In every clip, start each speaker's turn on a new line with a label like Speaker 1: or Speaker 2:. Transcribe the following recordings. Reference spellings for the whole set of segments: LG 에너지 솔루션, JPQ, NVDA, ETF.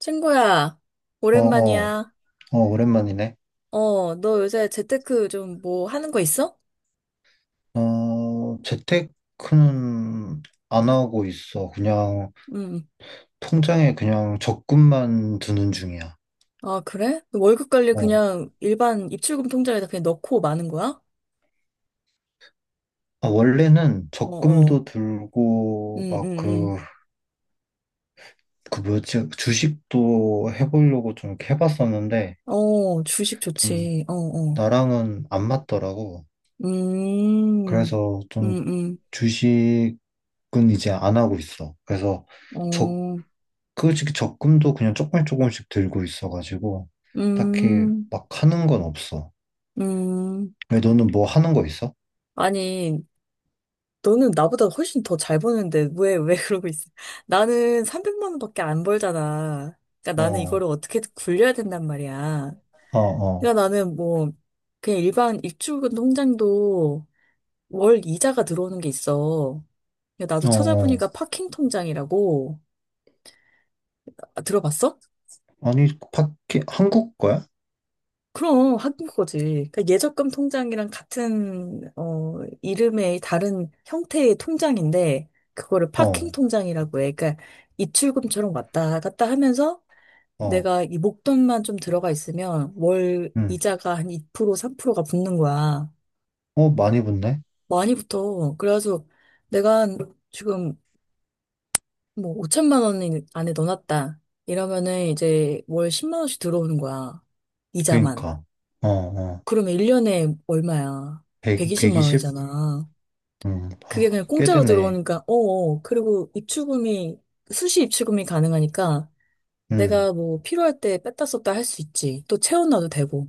Speaker 1: 친구야,
Speaker 2: 어, 어,
Speaker 1: 오랜만이야.
Speaker 2: 어, 오랜만이네.
Speaker 1: 너 요새 재테크 좀 뭐 하는 거 있어?
Speaker 2: 어, 재테크는 안 하고 있어. 그냥
Speaker 1: 응.
Speaker 2: 통장에 그냥 적금만 두는 중이야.
Speaker 1: 아, 그래? 월급 관리
Speaker 2: 어.
Speaker 1: 그냥 일반 입출금 통장에다 그냥 넣고 마는 거야?
Speaker 2: 아, 원래는
Speaker 1: 어, 어.
Speaker 2: 적금도
Speaker 1: 음,
Speaker 2: 들고
Speaker 1: 음,
Speaker 2: 막
Speaker 1: 음.
Speaker 2: 주식도 해보려고 좀 이렇게 해봤었는데,
Speaker 1: 주식
Speaker 2: 음,
Speaker 1: 좋지.
Speaker 2: 나랑은 안 맞더라고.
Speaker 1: 음,
Speaker 2: 그래서 좀
Speaker 1: 음, 음.
Speaker 2: 주식은 이제 안 하고 있어. 그래서 적금은
Speaker 1: 어,
Speaker 2: 그 지금 적금도 그냥 조금씩 조금씩 들고 있어가지고 딱히
Speaker 1: 음,
Speaker 2: 막 하는 건 없어.
Speaker 1: 음.
Speaker 2: 왜 너는 뭐 하는 거 있어?
Speaker 1: 아니, 너는 나보다 훨씬 더 잘 버는데 왜 그러고 있어? 나는 300만 원밖에 안 벌잖아. 그러니까 나는
Speaker 2: 어,
Speaker 1: 이거를 어떻게 굴려야 된단 말이야.
Speaker 2: 어, 어,
Speaker 1: 그러니까 나는 뭐 그냥 일반 입출금 통장도 월 이자가 들어오는 게 있어. 그러니까 나도
Speaker 2: 어, 어.
Speaker 1: 찾아보니까 파킹 통장이라고. 아, 들어봤어?
Speaker 2: 아니 밖에 한국 거야?
Speaker 1: 그럼 한국 거지. 그러니까 예적금 통장이랑 같은 이름의 다른 형태의 통장인데 그거를 파킹
Speaker 2: 어,
Speaker 1: 통장이라고 해. 그러니까 입출금처럼 왔다 갔다 하면서
Speaker 2: 어,
Speaker 1: 내가 이 목돈만 좀 들어가 있으면 월
Speaker 2: 응.
Speaker 1: 이자가 한 2% 3%가 붙는 거야.
Speaker 2: 어 많이 붙네.
Speaker 1: 많이 붙어. 그래가지고 내가 지금 뭐 5천만 원 안에 넣어놨다. 이러면은 이제 월 10만 원씩 들어오는 거야. 이자만.
Speaker 2: 그러니까. 어, 어.
Speaker 1: 그러면 1년에 얼마야?
Speaker 2: 1
Speaker 1: 120만
Speaker 2: 120. 2
Speaker 1: 원이잖아.
Speaker 2: 0 음,
Speaker 1: 그게
Speaker 2: 아,
Speaker 1: 그냥
Speaker 2: 꽤
Speaker 1: 공짜로
Speaker 2: 되네.
Speaker 1: 들어오니까, 그리고 입출금이, 수시 입출금이 가능하니까
Speaker 2: 음,
Speaker 1: 내가 뭐 필요할 때 뺐다 썼다 할 수 있지. 또 채워놔도 되고.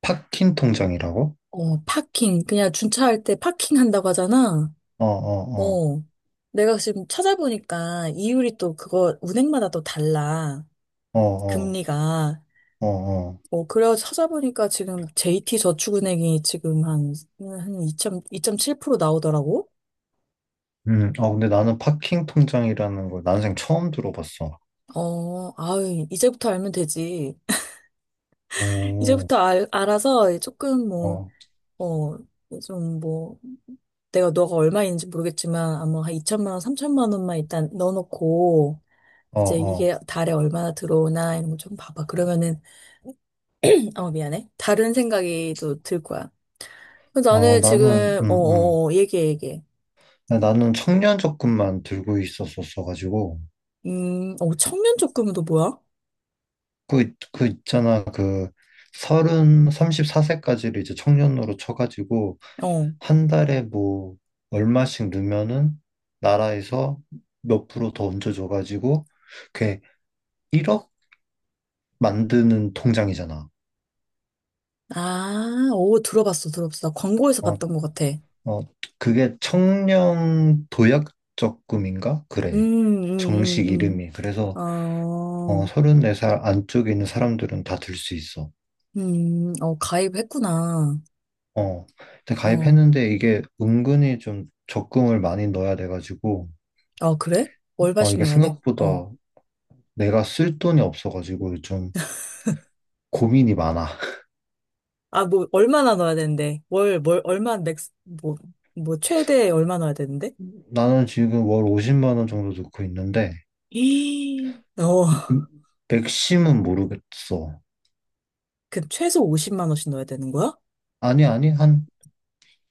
Speaker 2: 파킹 통장이라고?
Speaker 1: 어, 파킹. 그냥 준차할 때 파킹 한다고 하잖아.
Speaker 2: 어, 어,
Speaker 1: 어. 내가 지금 찾아보니까 이율이 또 그거 은행마다 또 달라.
Speaker 2: 어, 어, 어,
Speaker 1: 금리가.
Speaker 2: 어, 어.
Speaker 1: 그래 찾아보니까 지금 JT저축은행이 지금 한 2.7% 나오더라고.
Speaker 2: 어, 근데 나는 파킹 통장이라는 걸 난생 처음 들어봤어.
Speaker 1: 어, 아유, 이제부터 알면 되지.
Speaker 2: 오,
Speaker 1: 이제부터 알아서 조금 뭐,
Speaker 2: 어,
Speaker 1: 어, 좀 뭐, 내가 너가 얼마 있는지 모르겠지만, 아마 한 2천만 원, 3천만 원만 일단 넣어놓고,
Speaker 2: 어,
Speaker 1: 이제
Speaker 2: 어.
Speaker 1: 이게 달에 얼마나 들어오나 이런 거 좀 봐봐. 그러면은, 어, 미안해. 다른 생각이 또 들 거야. 근데
Speaker 2: 어,
Speaker 1: 나는
Speaker 2: 나는,
Speaker 1: 지금, 얘기해.
Speaker 2: 아, 나는 청년 적금만 들고 있었었어가지고,
Speaker 1: 어, 청년 적금도 뭐야?
Speaker 2: 그 있잖아, 서른, 34세까지를 이제 청년으로 쳐가지고,
Speaker 1: 어.
Speaker 2: 한 달에 뭐, 얼마씩 넣으면은, 나라에서 몇 프로 더 얹어줘가지고, 그게 1억 만드는 통장이잖아.
Speaker 1: 아, 오, 들어봤어. 나 광고에서
Speaker 2: 어,
Speaker 1: 봤던 것 같아.
Speaker 2: 어, 그게 청년 도약 적금인가? 그래. 정식
Speaker 1: 음, 음,
Speaker 2: 이름이.
Speaker 1: 음.
Speaker 2: 그래서,
Speaker 1: 어,
Speaker 2: 어, 34살 안쪽에 있는 사람들은 다 들 수 있어.
Speaker 1: 어, 가입했구나.
Speaker 2: 어, 근데
Speaker 1: 어,
Speaker 2: 가입했는데 이게 은근히 좀 적금을 많이 넣어야 돼가지고,
Speaker 1: 아, 그래?
Speaker 2: 어,
Speaker 1: 월바씩
Speaker 2: 이게
Speaker 1: 넣어야 돼? 어.
Speaker 2: 생각보다 내가 쓸 돈이 없어가지고 좀 고민이 많아.
Speaker 1: 아, 뭐, 얼마나 넣어야 되는데? 월, 뭘, 얼마, 맥스, 뭐, 뭐, 최대 얼마 넣어야 되는데?
Speaker 2: 나는 지금 월 50만 원 정도 넣고 있는데,
Speaker 1: 이, 어,
Speaker 2: 음, 맥심은 모르겠어.
Speaker 1: 그럼 최소 50만 원씩 넣어야 되는 거야?
Speaker 2: 아니, 아니, 한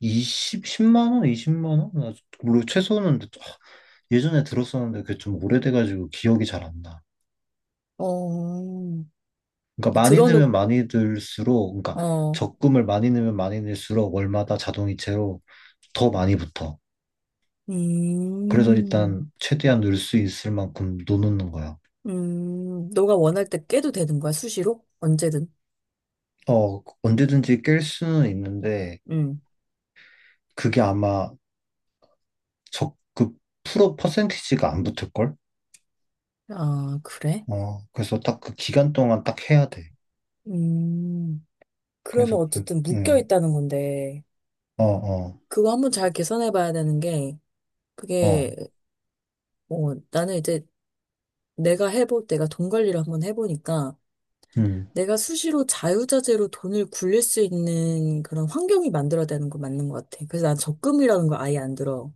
Speaker 2: 20, 10만 원, 20만 원? 나 물론 최소는, 아, 예전에 들었었는데 그게 좀 오래돼가지고 기억이 잘 안 나.
Speaker 1: 어,
Speaker 2: 그러니까 많이
Speaker 1: 들어놓,
Speaker 2: 넣으면 많이 들수록, 그러니까
Speaker 1: 어,
Speaker 2: 적금을 많이 넣으면 많이 넣을수록 월마다 자동이체로 더 많이 붙어. 그래서
Speaker 1: 음,
Speaker 2: 일단 최대한 넣을 수 있을 만큼 넣는 거야.
Speaker 1: 너가 원할 때 깨도 되는 거야, 수시로? 언제든.
Speaker 2: 어, 언제든지 깰 수는 있는데
Speaker 1: 음.
Speaker 2: 그게 아마 그 프로 퍼센티지가 안 붙을걸?
Speaker 1: 아, 그래?
Speaker 2: 어, 그래서 딱 그 기간 동안 딱 해야 돼.
Speaker 1: 음, 그러면
Speaker 2: 그래서 그,
Speaker 1: 어쨌든 묶여 있다는 건데,
Speaker 2: 어, 어,
Speaker 1: 그거 한번 잘 계산해 봐야 되는 게,
Speaker 2: 어,
Speaker 1: 그게, 뭐, 나는 이제 내가 돈 관리를 한번 해보니까,
Speaker 2: 음,
Speaker 1: 내가 수시로 자유자재로 돈을 굴릴 수 있는 그런 환경이 만들어야 되는 거 맞는 것 같아. 그래서 난 적금이라는 거 아예 안 들어.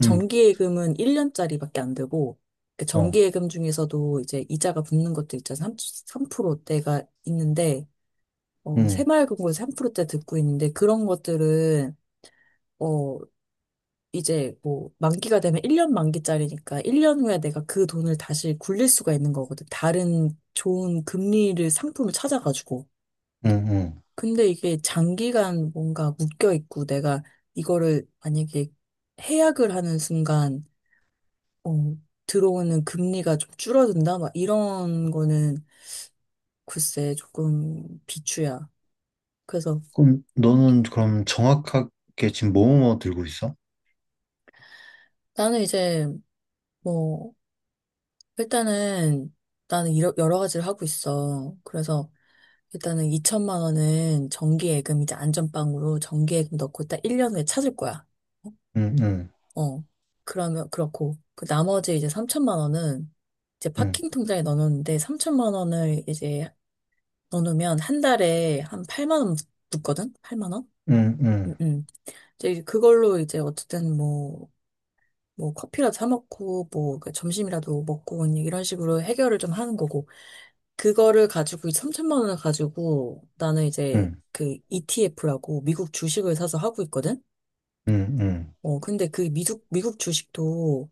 Speaker 2: 음,
Speaker 1: 정기예금은 1년짜리밖에 안 되고, 그
Speaker 2: 어,
Speaker 1: 정기예금 중에서도 이제 이자가 붙는 것도 있잖아. 프 3%대가 있는데, 어,
Speaker 2: 음,
Speaker 1: 새마을금고에서 3%대 듣고 있는데, 그런 것들은, 어, 이제 뭐 만기가 되면 1년 만기짜리니까 1년 후에 내가 그 돈을 다시 굴릴 수가 있는 거거든. 다른 좋은 금리를 상품을 찾아가지고.
Speaker 2: 음, 음.
Speaker 1: 근데 이게 장기간 뭔가 묶여 있고 내가 이거를 만약에 해약을 하는 순간 어, 들어오는 금리가 좀 줄어든다 막 이런 거는 글쎄 조금 비추야. 그래서
Speaker 2: 그럼 너는 그럼 정확하게 지금 뭐뭐 들고 있어?
Speaker 1: 나는 이제 뭐 일단은 나는 여러 가지를 하고 있어. 그래서 일단은 2천만 원은 정기예금 이제 안전빵으로 정기예금 넣고 딱 1년 후에 찾을 거야.
Speaker 2: 음, 음,
Speaker 1: 어. 그러면 그렇고 그 나머지 이제 3천만 원은 이제
Speaker 2: 음,
Speaker 1: 파킹 통장에 넣어놓는데 3천만 원을 이제 넣어놓으면 한 달에 한 8만 원 붙거든? 8만 원?
Speaker 2: 음, 음,
Speaker 1: 음, 음. 이제 그걸로 이제 어쨌든 뭐, 뭐 커피라도 사 먹고 뭐 그 점심이라도 먹고 뭐 이런 식으로 해결을 좀 하는 거고 그거를 가지고 3천만 원을 가지고 나는 이제
Speaker 2: 음,
Speaker 1: 그 ETF라고 미국 주식을 사서 하고 있거든.
Speaker 2: 음, 음.
Speaker 1: 근데 그 미국 주식도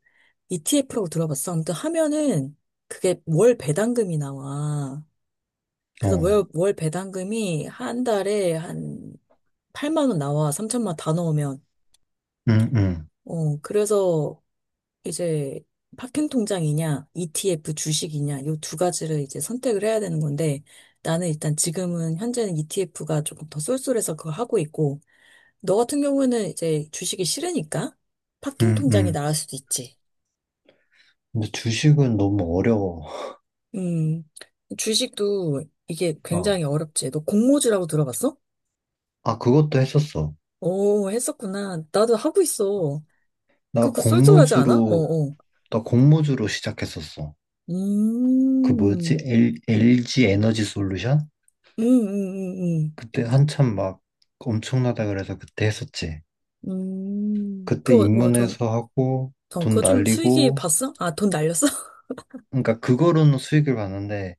Speaker 1: ETF라고 들어봤어. 아무튼 하면은 그게 월 배당금이 나와. 그래서
Speaker 2: 어,
Speaker 1: 월 배당금이 한 달에 한 8만 원 나와. 3천만 다 넣으면.
Speaker 2: 음, 음,
Speaker 1: 어 그래서 이제 파킹 통장이냐, ETF 주식이냐, 요 두 가지를 이제 선택을 해야 되는 건데, 나는 일단 지금은 현재는 ETF가 조금 더 쏠쏠해서 그거 하고 있고, 너 같은 경우에는 이제 주식이 싫으니까 파킹
Speaker 2: 음,
Speaker 1: 통장이
Speaker 2: 음.
Speaker 1: 나을 수도 있지.
Speaker 2: 근데 주식은 너무 어려워.
Speaker 1: 음, 주식도 이게
Speaker 2: 어.
Speaker 1: 굉장히 어렵지. 너 공모주라고 들어봤어?
Speaker 2: 아, 그것도 했었어.
Speaker 1: 오, 했었구나. 나도 하고 있어.
Speaker 2: 나
Speaker 1: 그거 쏠쏠하지 않아?
Speaker 2: 공모주로,
Speaker 1: 어어.
Speaker 2: 나 공모주로 시작했었어. 그 뭐였지?
Speaker 1: 음,
Speaker 2: LG 에너지 솔루션?
Speaker 1: 음, 음, 음, 음.
Speaker 2: 그때 한참 막 엄청나다 그래서 그때 했었지. 그때
Speaker 1: 그거 뭐좀
Speaker 2: 입문해서 하고,
Speaker 1: 돈
Speaker 2: 돈
Speaker 1: 그거 좀 수익이
Speaker 2: 날리고,
Speaker 1: 봤어? 아, 돈 날렸어?
Speaker 2: 그러니까 그거로는 수익을 봤는데,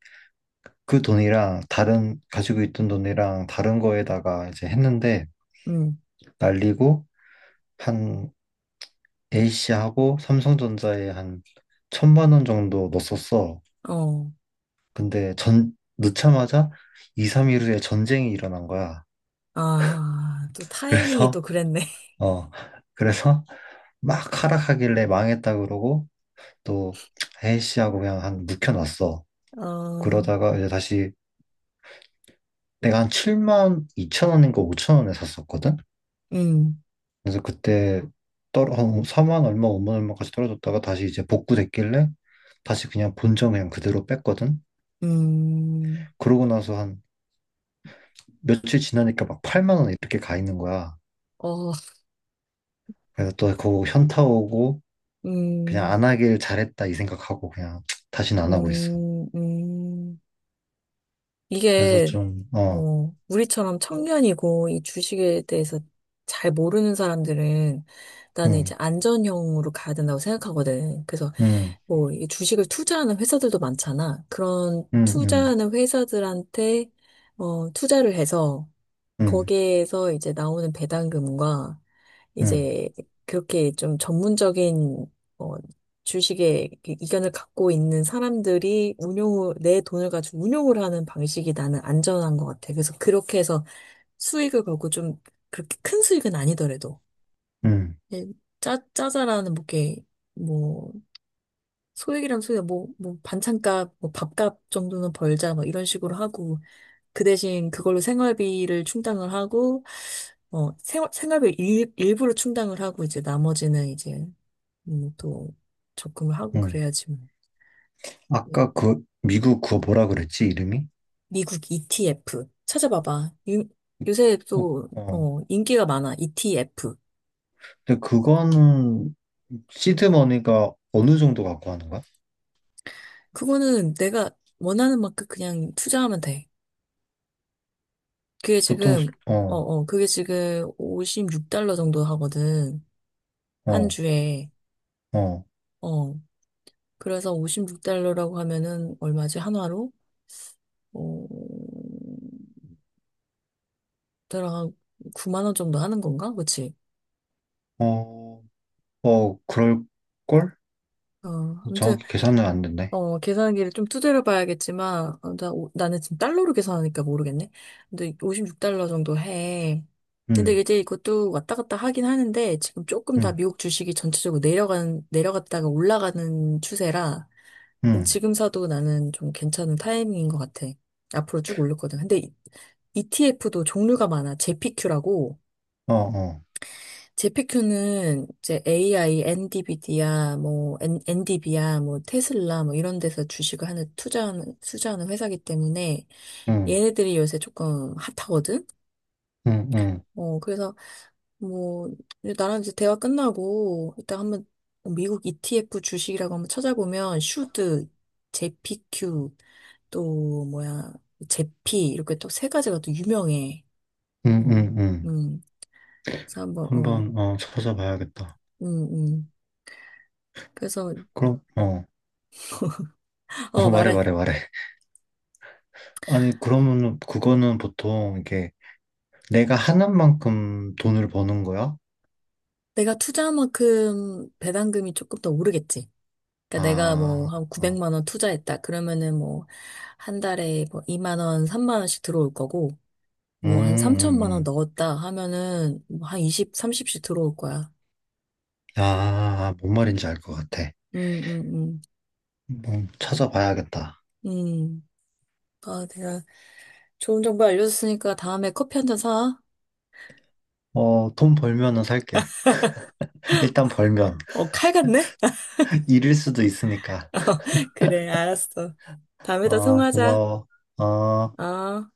Speaker 2: 그 돈이랑 다른, 가지고 있던 돈이랑 다른 거에다가 이제 했는데,
Speaker 1: 음,
Speaker 2: 날리고 한 A씨하고 삼성전자에 한 1,000만 원 정도 넣었었어.
Speaker 1: 어.
Speaker 2: 근데 전 넣자마자 2, 3일 후에 전쟁이 일어난 거야.
Speaker 1: 아, 또 타이밍이
Speaker 2: 그래서
Speaker 1: 또 그랬네.
Speaker 2: 어 그래서 막 하락하길래 망했다 그러고 또 A씨하고 그냥 한 묵혀놨어.
Speaker 1: 어,
Speaker 2: 그러다가 이제 다시 내가 한 7만 2천 원인가 5천 원에 샀었거든.
Speaker 1: 음,
Speaker 2: 그래서 그때 떨어 한 4만 얼마 5만 얼마까지 떨어졌다가 다시 이제 복구됐길래 다시 그냥 본전 그냥 그대로 뺐거든.
Speaker 1: 음,
Speaker 2: 그러고 나서 한 며칠 지나니까 막 8만 원 이렇게 가 있는 거야.
Speaker 1: 어,
Speaker 2: 그래서 또 그거 현타 오고 그냥
Speaker 1: 음,
Speaker 2: 안 하길 잘했다 이 생각하고 그냥 다시는 안 하고 있어.
Speaker 1: 음, 음.
Speaker 2: 그래서
Speaker 1: 이게,
Speaker 2: 좀 어,
Speaker 1: 뭐, 우리처럼 청년이고 이 주식에 대해서 잘 모르는 사람들은 나는
Speaker 2: 응,
Speaker 1: 이제 안전형으로 가야 된다고 생각하거든. 그래서
Speaker 2: 응,
Speaker 1: 뭐, 이 주식을 투자하는 회사들도 많잖아. 그런
Speaker 2: 응, 응,
Speaker 1: 투자하는 회사들한테 어, 투자를 해서
Speaker 2: 응,
Speaker 1: 거기에서 이제 나오는 배당금과
Speaker 2: 응,
Speaker 1: 이제 그렇게 좀 전문적인 어, 주식의 그 이견을 갖고 있는 사람들이 내 돈을 가지고 운용을 하는 방식이 나는 안전한 것 같아. 그래서 그렇게 해서 수익을 벌고 좀 그렇게 큰 수익은 아니더라도
Speaker 2: 응,
Speaker 1: 예, 짜잘하는 뭐, 이렇게 뭐, 소액, 뭐, 뭐, 반찬값, 뭐, 밥값 정도는 벌자, 뭐, 이런 식으로 하고, 그 대신 그걸로 생활비를 충당을 하고, 어, 생활비 일부를 충당을 하고, 이제 나머지는 이제, 또 적금을 하고
Speaker 2: 응.
Speaker 1: 그래야지 뭐. 그
Speaker 2: 아까 그 미국 그거 뭐라 그랬지 이름이?
Speaker 1: 미국 ETF. 찾아봐봐. 유, 요새
Speaker 2: 어,
Speaker 1: 또,
Speaker 2: 어.
Speaker 1: 어, 인기가 많아. ETF.
Speaker 2: 근데 그거는 시드머니가 어느 정도 갖고 하는 거야?
Speaker 1: 그거는 내가 원하는 만큼 그냥 투자하면 돼. 그게 지금,
Speaker 2: 어,
Speaker 1: 그게 지금 56달러 정도 하거든. 한
Speaker 2: 어,
Speaker 1: 주에.
Speaker 2: 어,
Speaker 1: 어. 그래서 56달러라고 하면은 얼마지? 한화로? 어, 대략 한 9만 원 정도 하는 건가? 그치?
Speaker 2: 어, 어, 그럴 걸?
Speaker 1: 어, 아무튼,
Speaker 2: 정확히 계산은 안 됐네.
Speaker 1: 어, 계산기를 좀 두드려 봐야겠지만, 어, 나는 지금 달러로 계산하니까 모르겠네. 근데 56달러 정도 해. 근데
Speaker 2: 음,
Speaker 1: 이제 이것도 왔다 갔다 하긴 하는데, 지금 조금 다
Speaker 2: 음,
Speaker 1: 미국 주식이 전체적으로 내려갔다가 올라가는 추세라,
Speaker 2: 음,
Speaker 1: 지금 사도 나는 좀 괜찮은 타이밍인 것 같아. 앞으로 쭉 올렸거든. 근데 ETF도 종류가 많아. j p 큐라고
Speaker 2: 어, 어,
Speaker 1: 제피큐는 이제 AI, n d v 디 d 뭐, 엔 엔디비아, 뭐, 테슬라, 뭐, 이런 데서 투자하는 회사기 때문에
Speaker 2: 음,
Speaker 1: 얘네들이 요새 조금 핫하거든?
Speaker 2: 음, 음,
Speaker 1: 어, 그래서 뭐, 이제 나랑 이제 대화 끝나고 이따 한번 미국 ETF 주식이라고 한번 찾아보면 슈드, 제피큐, 또 뭐야, 제피, 이렇게 또 세 가지가 또 유명해. 어,
Speaker 2: 음.
Speaker 1: 음. 그래서 한번, 어,
Speaker 2: 한번 어 찾아봐야겠다.
Speaker 1: 음, 음. 그래서,
Speaker 2: 그럼 어,
Speaker 1: 어,
Speaker 2: 어 말해
Speaker 1: 말해.
Speaker 2: 말해 말해. 아니 그러면은 그거는 보통 이게 내가 하는 만큼 돈을 버는 거야?
Speaker 1: 내가 투자한 만큼 배당금이 조금 더 오르겠지. 그러니까 내가 뭐
Speaker 2: 아,
Speaker 1: 한
Speaker 2: 어,
Speaker 1: 900만 원 투자했다. 그러면은 뭐 한 달에 뭐 2만 원, 3만 원씩 들어올 거고
Speaker 2: 음,
Speaker 1: 뭐 한
Speaker 2: 음,
Speaker 1: 3천만 원
Speaker 2: 음.
Speaker 1: 넣었다 하면은 뭐 한 20, 30씩 들어올 거야.
Speaker 2: 아, 뭔 말인지 알 것 같아.
Speaker 1: 음, 음,
Speaker 2: 한번 찾아봐야겠다.
Speaker 1: 음. 아, 내가 좋은 정보 알려줬으니까 다음에 커피 한 잔 사.
Speaker 2: 어, 돈 벌면은 살게. 일단 벌면.
Speaker 1: 어, 칼 같네?
Speaker 2: 잃을 수도 있으니까.
Speaker 1: 그래, 알았어. 다음에 또
Speaker 2: 어,
Speaker 1: 통화하자.
Speaker 2: 고마워. 어.
Speaker 1: 어.